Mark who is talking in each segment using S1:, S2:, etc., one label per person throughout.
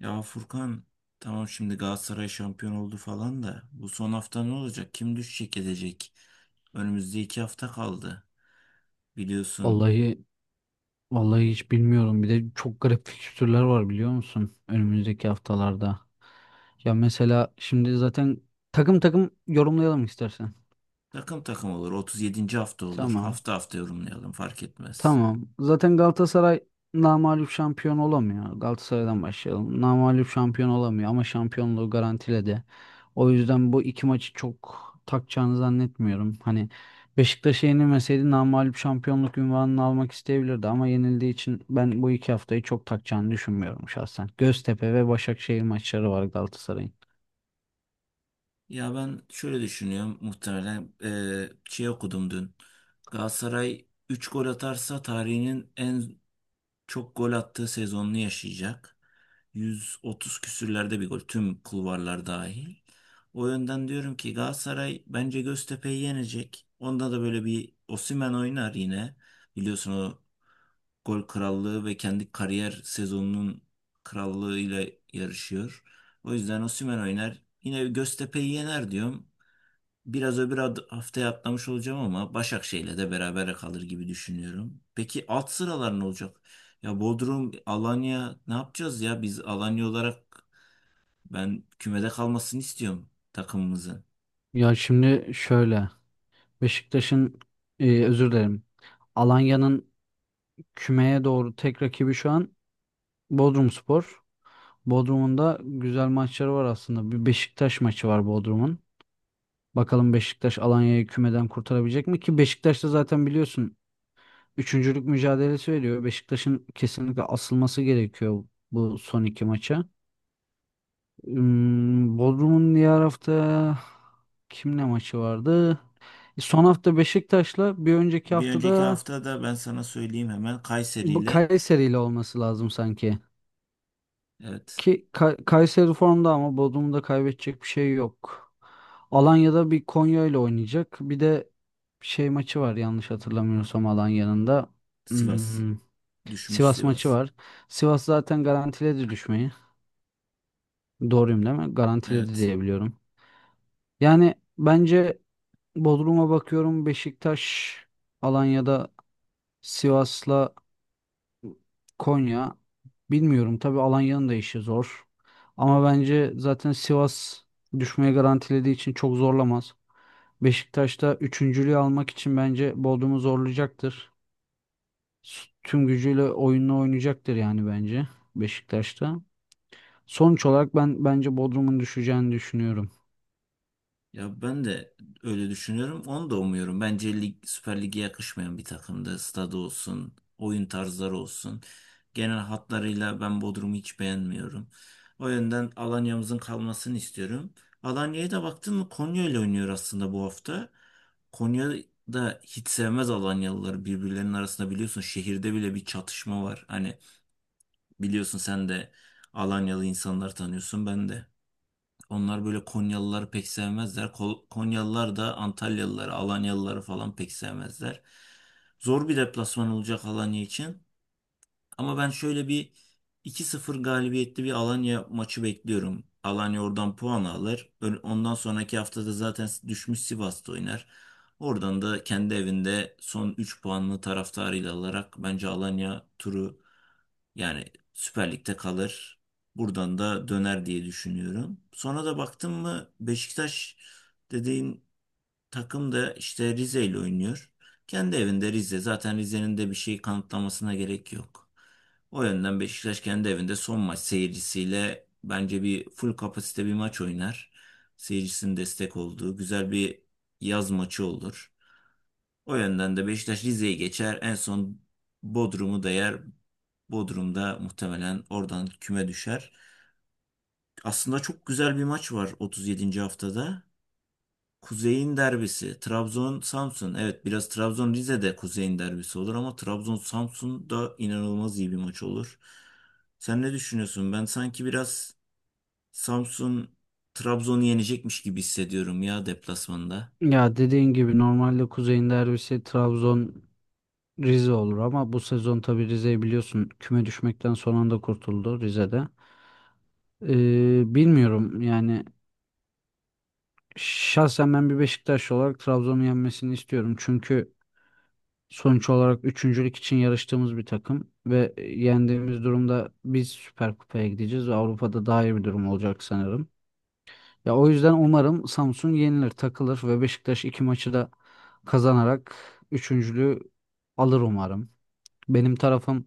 S1: Ya Furkan, tamam, şimdi Galatasaray şampiyon oldu falan da bu son hafta ne olacak? Kim düşecek edecek? Önümüzde 2 hafta kaldı. Biliyorsun
S2: Vallahi vallahi hiç bilmiyorum. Bir de çok garip fikstürler var biliyor musun? Önümüzdeki haftalarda. Ya mesela şimdi zaten takım takım yorumlayalım istersen.
S1: takım takım olur. 37. hafta olur.
S2: Tamam.
S1: Hafta hafta yorumlayalım, fark etmez.
S2: Tamam. Zaten Galatasaray namağlup şampiyon olamıyor. Galatasaray'dan başlayalım. Namağlup şampiyon olamıyor ama şampiyonluğu garantiledi. O yüzden bu iki maçı çok takacağını zannetmiyorum. Hani Beşiktaş'a yenilmeseydi namağlup şampiyonluk unvanını almak isteyebilirdi ama yenildiği için ben bu iki haftayı çok takacağını düşünmüyorum şahsen. Göztepe ve Başakşehir maçları var Galatasaray'ın.
S1: Ya ben şöyle düşünüyorum, muhtemelen şey okudum dün. Galatasaray 3 gol atarsa tarihinin en çok gol attığı sezonunu yaşayacak. 130 küsürlerde bir gol, tüm kulvarlar dahil. O yönden diyorum ki Galatasaray bence Göztepe'yi yenecek. Onda da böyle bir Osimhen oynar yine. Biliyorsun o gol krallığı ve kendi kariyer sezonunun krallığıyla yarışıyor. O yüzden Osimhen oynar. Yine Göztepe'yi yener diyorum. Biraz öbür haftaya atlamış olacağım ama Başakşehir'le de beraber kalır gibi düşünüyorum. Peki alt sıralar ne olacak? Ya Bodrum, Alanya ne yapacağız ya? Biz Alanya olarak ben kümede kalmasını istiyorum takımımızın.
S2: Ya şimdi şöyle Beşiktaş'ın özür dilerim. Alanya'nın kümeye doğru tek rakibi şu an Bodrumspor. Bodrum'un da güzel maçları var aslında. Bir Beşiktaş maçı var Bodrum'un. Bakalım Beşiktaş Alanya'yı kümeden kurtarabilecek mi? Ki Beşiktaş da zaten biliyorsun üçüncülük mücadelesi veriyor. Beşiktaş'ın kesinlikle asılması gerekiyor bu son iki maça. Bodrum'un diğer hafta kimle maçı vardı? Son hafta Beşiktaş'la bir önceki
S1: Bir önceki
S2: haftada
S1: hafta da ben sana söyleyeyim, hemen Kayseri
S2: bu
S1: ile.
S2: Kayseri'yle olması lazım sanki.
S1: Evet.
S2: Kayseri formda ama Bodrum'da kaybedecek bir şey yok. Alanya'da bir Konya ile oynayacak. Bir de şey maçı var yanlış hatırlamıyorsam Alanya'nın da.
S1: Sivas
S2: Hmm,
S1: düşmüş,
S2: Sivas maçı
S1: Sivas.
S2: var. Sivas zaten garantiledi düşmeyi. Doğruyum değil mi? Garantiledi
S1: Evet.
S2: diye biliyorum. Yani bence Bodrum'a bakıyorum Beşiktaş, Alanya'da Sivas'la Konya bilmiyorum tabii Alanya'nın da işi zor. Ama bence zaten Sivas düşmeye garantilediği için çok zorlamaz. Beşiktaş'ta üçüncülüğü almak için bence Bodrum'u zorlayacaktır. Tüm gücüyle oyununu oynayacaktır yani bence Beşiktaş'ta. Sonuç olarak ben bence Bodrum'un düşeceğini düşünüyorum.
S1: Ya ben de öyle düşünüyorum. Onu da umuyorum. Bence lig, Süper Lig'e yakışmayan bir takımdı. Stadı olsun, oyun tarzları olsun. Genel hatlarıyla ben Bodrum'u hiç beğenmiyorum. O yönden Alanya'mızın kalmasını istiyorum. Alanya'ya da baktın mı, Konya ile oynuyor aslında bu hafta. Konya da hiç sevmez Alanyalıları, birbirlerinin arasında biliyorsun şehirde bile bir çatışma var. Hani biliyorsun sen de Alanyalı insanlar tanıyorsun, ben de. Onlar böyle Konyalıları pek sevmezler. Konyalılar da Antalyalıları, Alanyalıları falan pek sevmezler. Zor bir deplasman olacak Alanya için. Ama ben şöyle bir 2-0 galibiyetli bir Alanya maçı bekliyorum. Alanya oradan puan alır. Ondan sonraki haftada zaten düşmüş Sivas'ta oynar. Oradan da kendi evinde son 3 puanını taraftarıyla alarak bence Alanya turu, yani Süper Lig'de kalır. Buradan da döner diye düşünüyorum. Sonra da baktım mı, Beşiktaş dediğin takım da işte Rize ile oynuyor. Kendi evinde Rize. Zaten Rize'nin de bir şey kanıtlamasına gerek yok. O yönden Beşiktaş kendi evinde son maç seyircisiyle bence bir full kapasite bir maç oynar. Seyircisinin destek olduğu güzel bir yaz maçı olur. O yönden de Beşiktaş Rize'yi geçer. En son Bodrum'u da yer. Bodrum'da muhtemelen oradan küme düşer. Aslında çok güzel bir maç var 37. haftada. Kuzey'in derbisi. Trabzon-Samsun. Evet, biraz Trabzon-Rize'de Kuzey'in derbisi olur ama Trabzon-Samsun da inanılmaz iyi bir maç olur. Sen ne düşünüyorsun? Ben sanki biraz Samsun Trabzon'u yenecekmiş gibi hissediyorum ya, deplasmanda.
S2: Ya dediğin gibi normalde Kuzey'in derbisi Trabzon Rize olur ama bu sezon tabii Rize'yi biliyorsun küme düşmekten son anda kurtuldu Rize'de. Bilmiyorum yani şahsen ben bir Beşiktaşlı olarak Trabzon'un yenmesini istiyorum. Çünkü sonuç olarak üçüncülük için yarıştığımız bir takım ve yendiğimiz durumda biz Süper Kupa'ya gideceğiz ve Avrupa'da daha iyi bir durum olacak sanırım. Ya o yüzden umarım Samsun yenilir, takılır ve Beşiktaş iki maçı da kazanarak üçüncülüğü alır umarım. Benim tarafım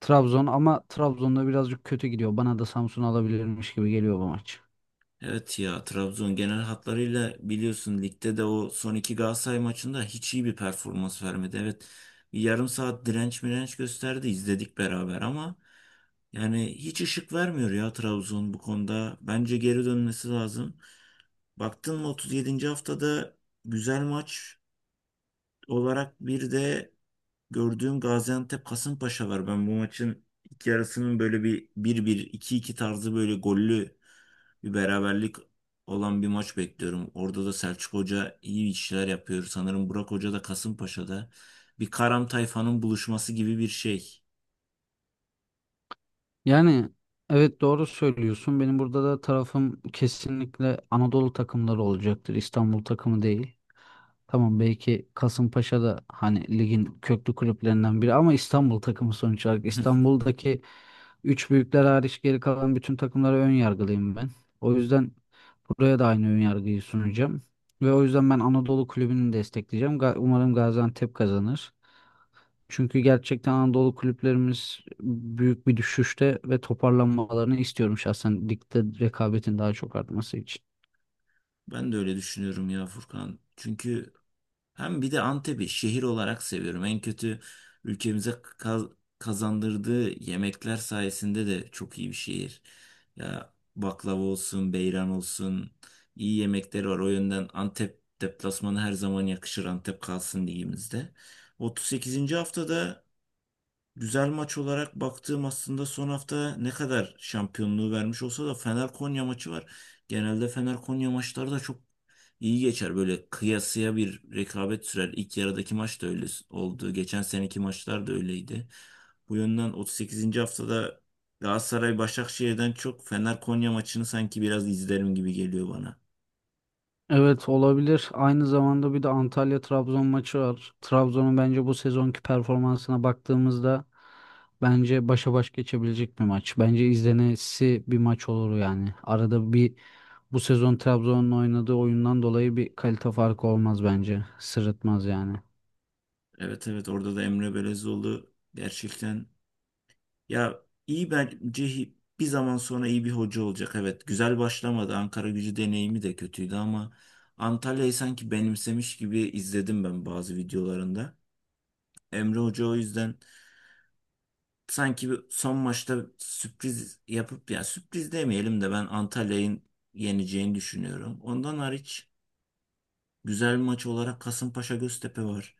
S2: Trabzon ama Trabzon'da birazcık kötü gidiyor. Bana da Samsun alabilirmiş gibi geliyor bu maç.
S1: Evet ya, Trabzon genel hatlarıyla biliyorsun ligde de o son iki Galatasaray maçında hiç iyi bir performans vermedi. Evet, bir yarım saat direnç mirenç gösterdi, izledik beraber, ama yani hiç ışık vermiyor ya Trabzon bu konuda. Bence geri dönmesi lazım. Baktın mı, 37. haftada güzel maç olarak bir de gördüğüm Gaziantep Kasımpaşa var. Ben bu maçın ilk yarısının böyle bir 1 iki 2 tarzı böyle gollü bir beraberlik olan bir maç bekliyorum. Orada da Selçuk Hoca iyi işler yapıyor. Sanırım Burak Hoca da Kasımpaşa'da. Bir Karam Tayfa'nın buluşması gibi bir şey.
S2: Yani evet doğru söylüyorsun. Benim burada da tarafım kesinlikle Anadolu takımları olacaktır. İstanbul takımı değil. Tamam belki Kasımpaşa da hani ligin köklü kulüplerinden biri ama İstanbul takımı sonuç olarak. İstanbul'daki üç büyükler hariç geri kalan bütün takımlara ön yargılıyım ben. O yüzden buraya da aynı ön yargıyı sunacağım. Ve o yüzden ben Anadolu kulübünü destekleyeceğim. Umarım Gaziantep kazanır. Çünkü gerçekten Anadolu kulüplerimiz büyük bir düşüşte ve toparlanmalarını istiyorum şahsen ligde rekabetin daha çok artması için.
S1: Ben de öyle düşünüyorum ya Furkan. Çünkü hem bir de Antep'i şehir olarak seviyorum. En kötü ülkemize kazandırdığı yemekler sayesinde de çok iyi bir şehir. Ya baklava olsun, beyran olsun, iyi yemekleri var. O yönden Antep deplasmanı her zaman yakışır. Antep kalsın ligimizde. 38. haftada güzel maç olarak baktığım, aslında son hafta ne kadar şampiyonluğu vermiş olsa da, Fener-Konya maçı var. Genelde Fener-Konya maçları da çok iyi geçer. Böyle kıyasıya bir rekabet sürer. İlk yarıdaki maç da öyle oldu. Geçen seneki maçlar da öyleydi. Bu yönden 38. haftada Galatasaray-Başakşehir'den çok Fener-Konya maçını sanki biraz izlerim gibi geliyor bana.
S2: Evet olabilir. Aynı zamanda bir de Antalya Trabzon maçı var. Trabzon'un bence bu sezonki performansına baktığımızda bence başa baş geçebilecek bir maç. Bence izlenesi bir maç olur yani. Arada bir bu sezon Trabzon'un oynadığı oyundan dolayı bir kalite farkı olmaz bence. Sırıtmaz yani.
S1: Evet evet, orada da Emre Belezoğlu gerçekten, ya, iyi bence, bir zaman sonra iyi bir hoca olacak. Evet, güzel başlamadı. Ankara gücü deneyimi de kötüydü ama Antalya'yı sanki benimsemiş gibi izledim ben bazı videolarında. Emre Hoca o yüzden sanki bir son maçta sürpriz yapıp, ya sürpriz demeyelim de, ben Antalya'nın yeneceğini düşünüyorum. Ondan hariç güzel maç olarak Kasımpaşa Göztepe var.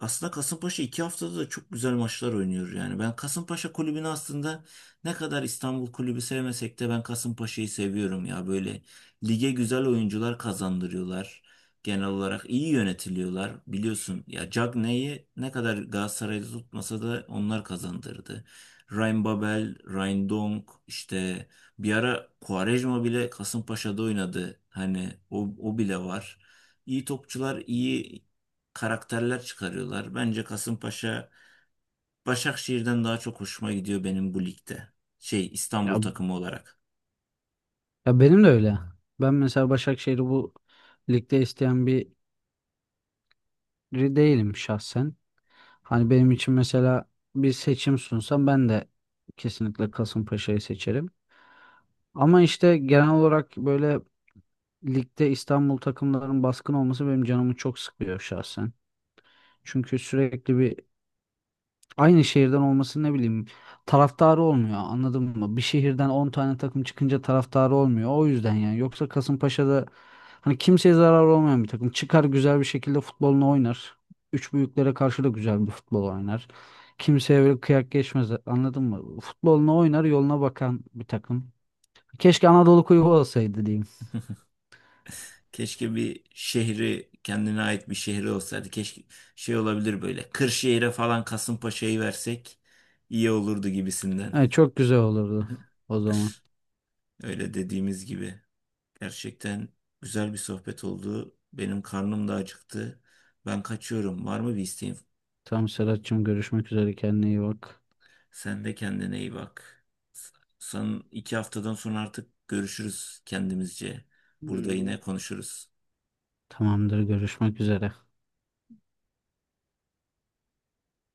S1: Aslında Kasımpaşa 2 haftada da çok güzel maçlar oynuyor yani. Ben Kasımpaşa kulübünü aslında, ne kadar İstanbul kulübü sevmesek de, ben Kasımpaşa'yı seviyorum ya. Böyle lige güzel oyuncular kazandırıyorlar. Genel olarak iyi yönetiliyorlar. Biliyorsun ya Cagney'i ne kadar Galatasaray'da tutmasa da onlar kazandırdı. Ryan Babel, Ryan Dong, işte bir ara Quaresma bile Kasımpaşa'da oynadı. Hani o, o bile var. İyi topçular, iyi karakterler çıkarıyorlar. Bence Kasımpaşa Başakşehir'den daha çok hoşuma gidiyor benim bu ligde. Şey, İstanbul
S2: Ya
S1: takımı olarak.
S2: Ya benim de öyle. Ben mesela Başakşehir'i bu ligde isteyen biri değilim şahsen. Hani benim için mesela bir seçim sunsam ben de kesinlikle Kasımpaşa'yı seçerim. Ama işte genel olarak böyle ligde İstanbul takımlarının baskın olması benim canımı çok sıkıyor şahsen. Çünkü sürekli bir aynı şehirden olması ne bileyim taraftarı olmuyor anladın mı? Bir şehirden 10 tane takım çıkınca taraftarı olmuyor. O yüzden yani yoksa Kasımpaşa'da hani kimseye zararı olmayan bir takım çıkar güzel bir şekilde futbolunu oynar. Üç büyüklere karşı da güzel bir futbol oynar. Kimseye böyle kıyak geçmez anladın mı? Futbolunu oynar yoluna bakan bir takım. Keşke Anadolu Kulübü olsaydı diyeyim.
S1: Keşke bir şehri, kendine ait bir şehri olsaydı. Keşke şey olabilir böyle. Kırşehir'e falan Kasımpaşa'yı versek iyi olurdu gibisinden.
S2: Evet, çok güzel olurdu o zaman.
S1: Öyle, dediğimiz gibi. Gerçekten güzel bir sohbet oldu. Benim karnım da acıktı. Ben kaçıyorum. Var mı bir isteğin?
S2: Tamam Serhat'cığım görüşmek üzere kendine iyi bak.
S1: Sen de kendine iyi bak. Son 2 haftadan sonra artık görüşürüz kendimizce. Burada
S2: Hmm.
S1: yine konuşuruz.
S2: Tamamdır görüşmek üzere.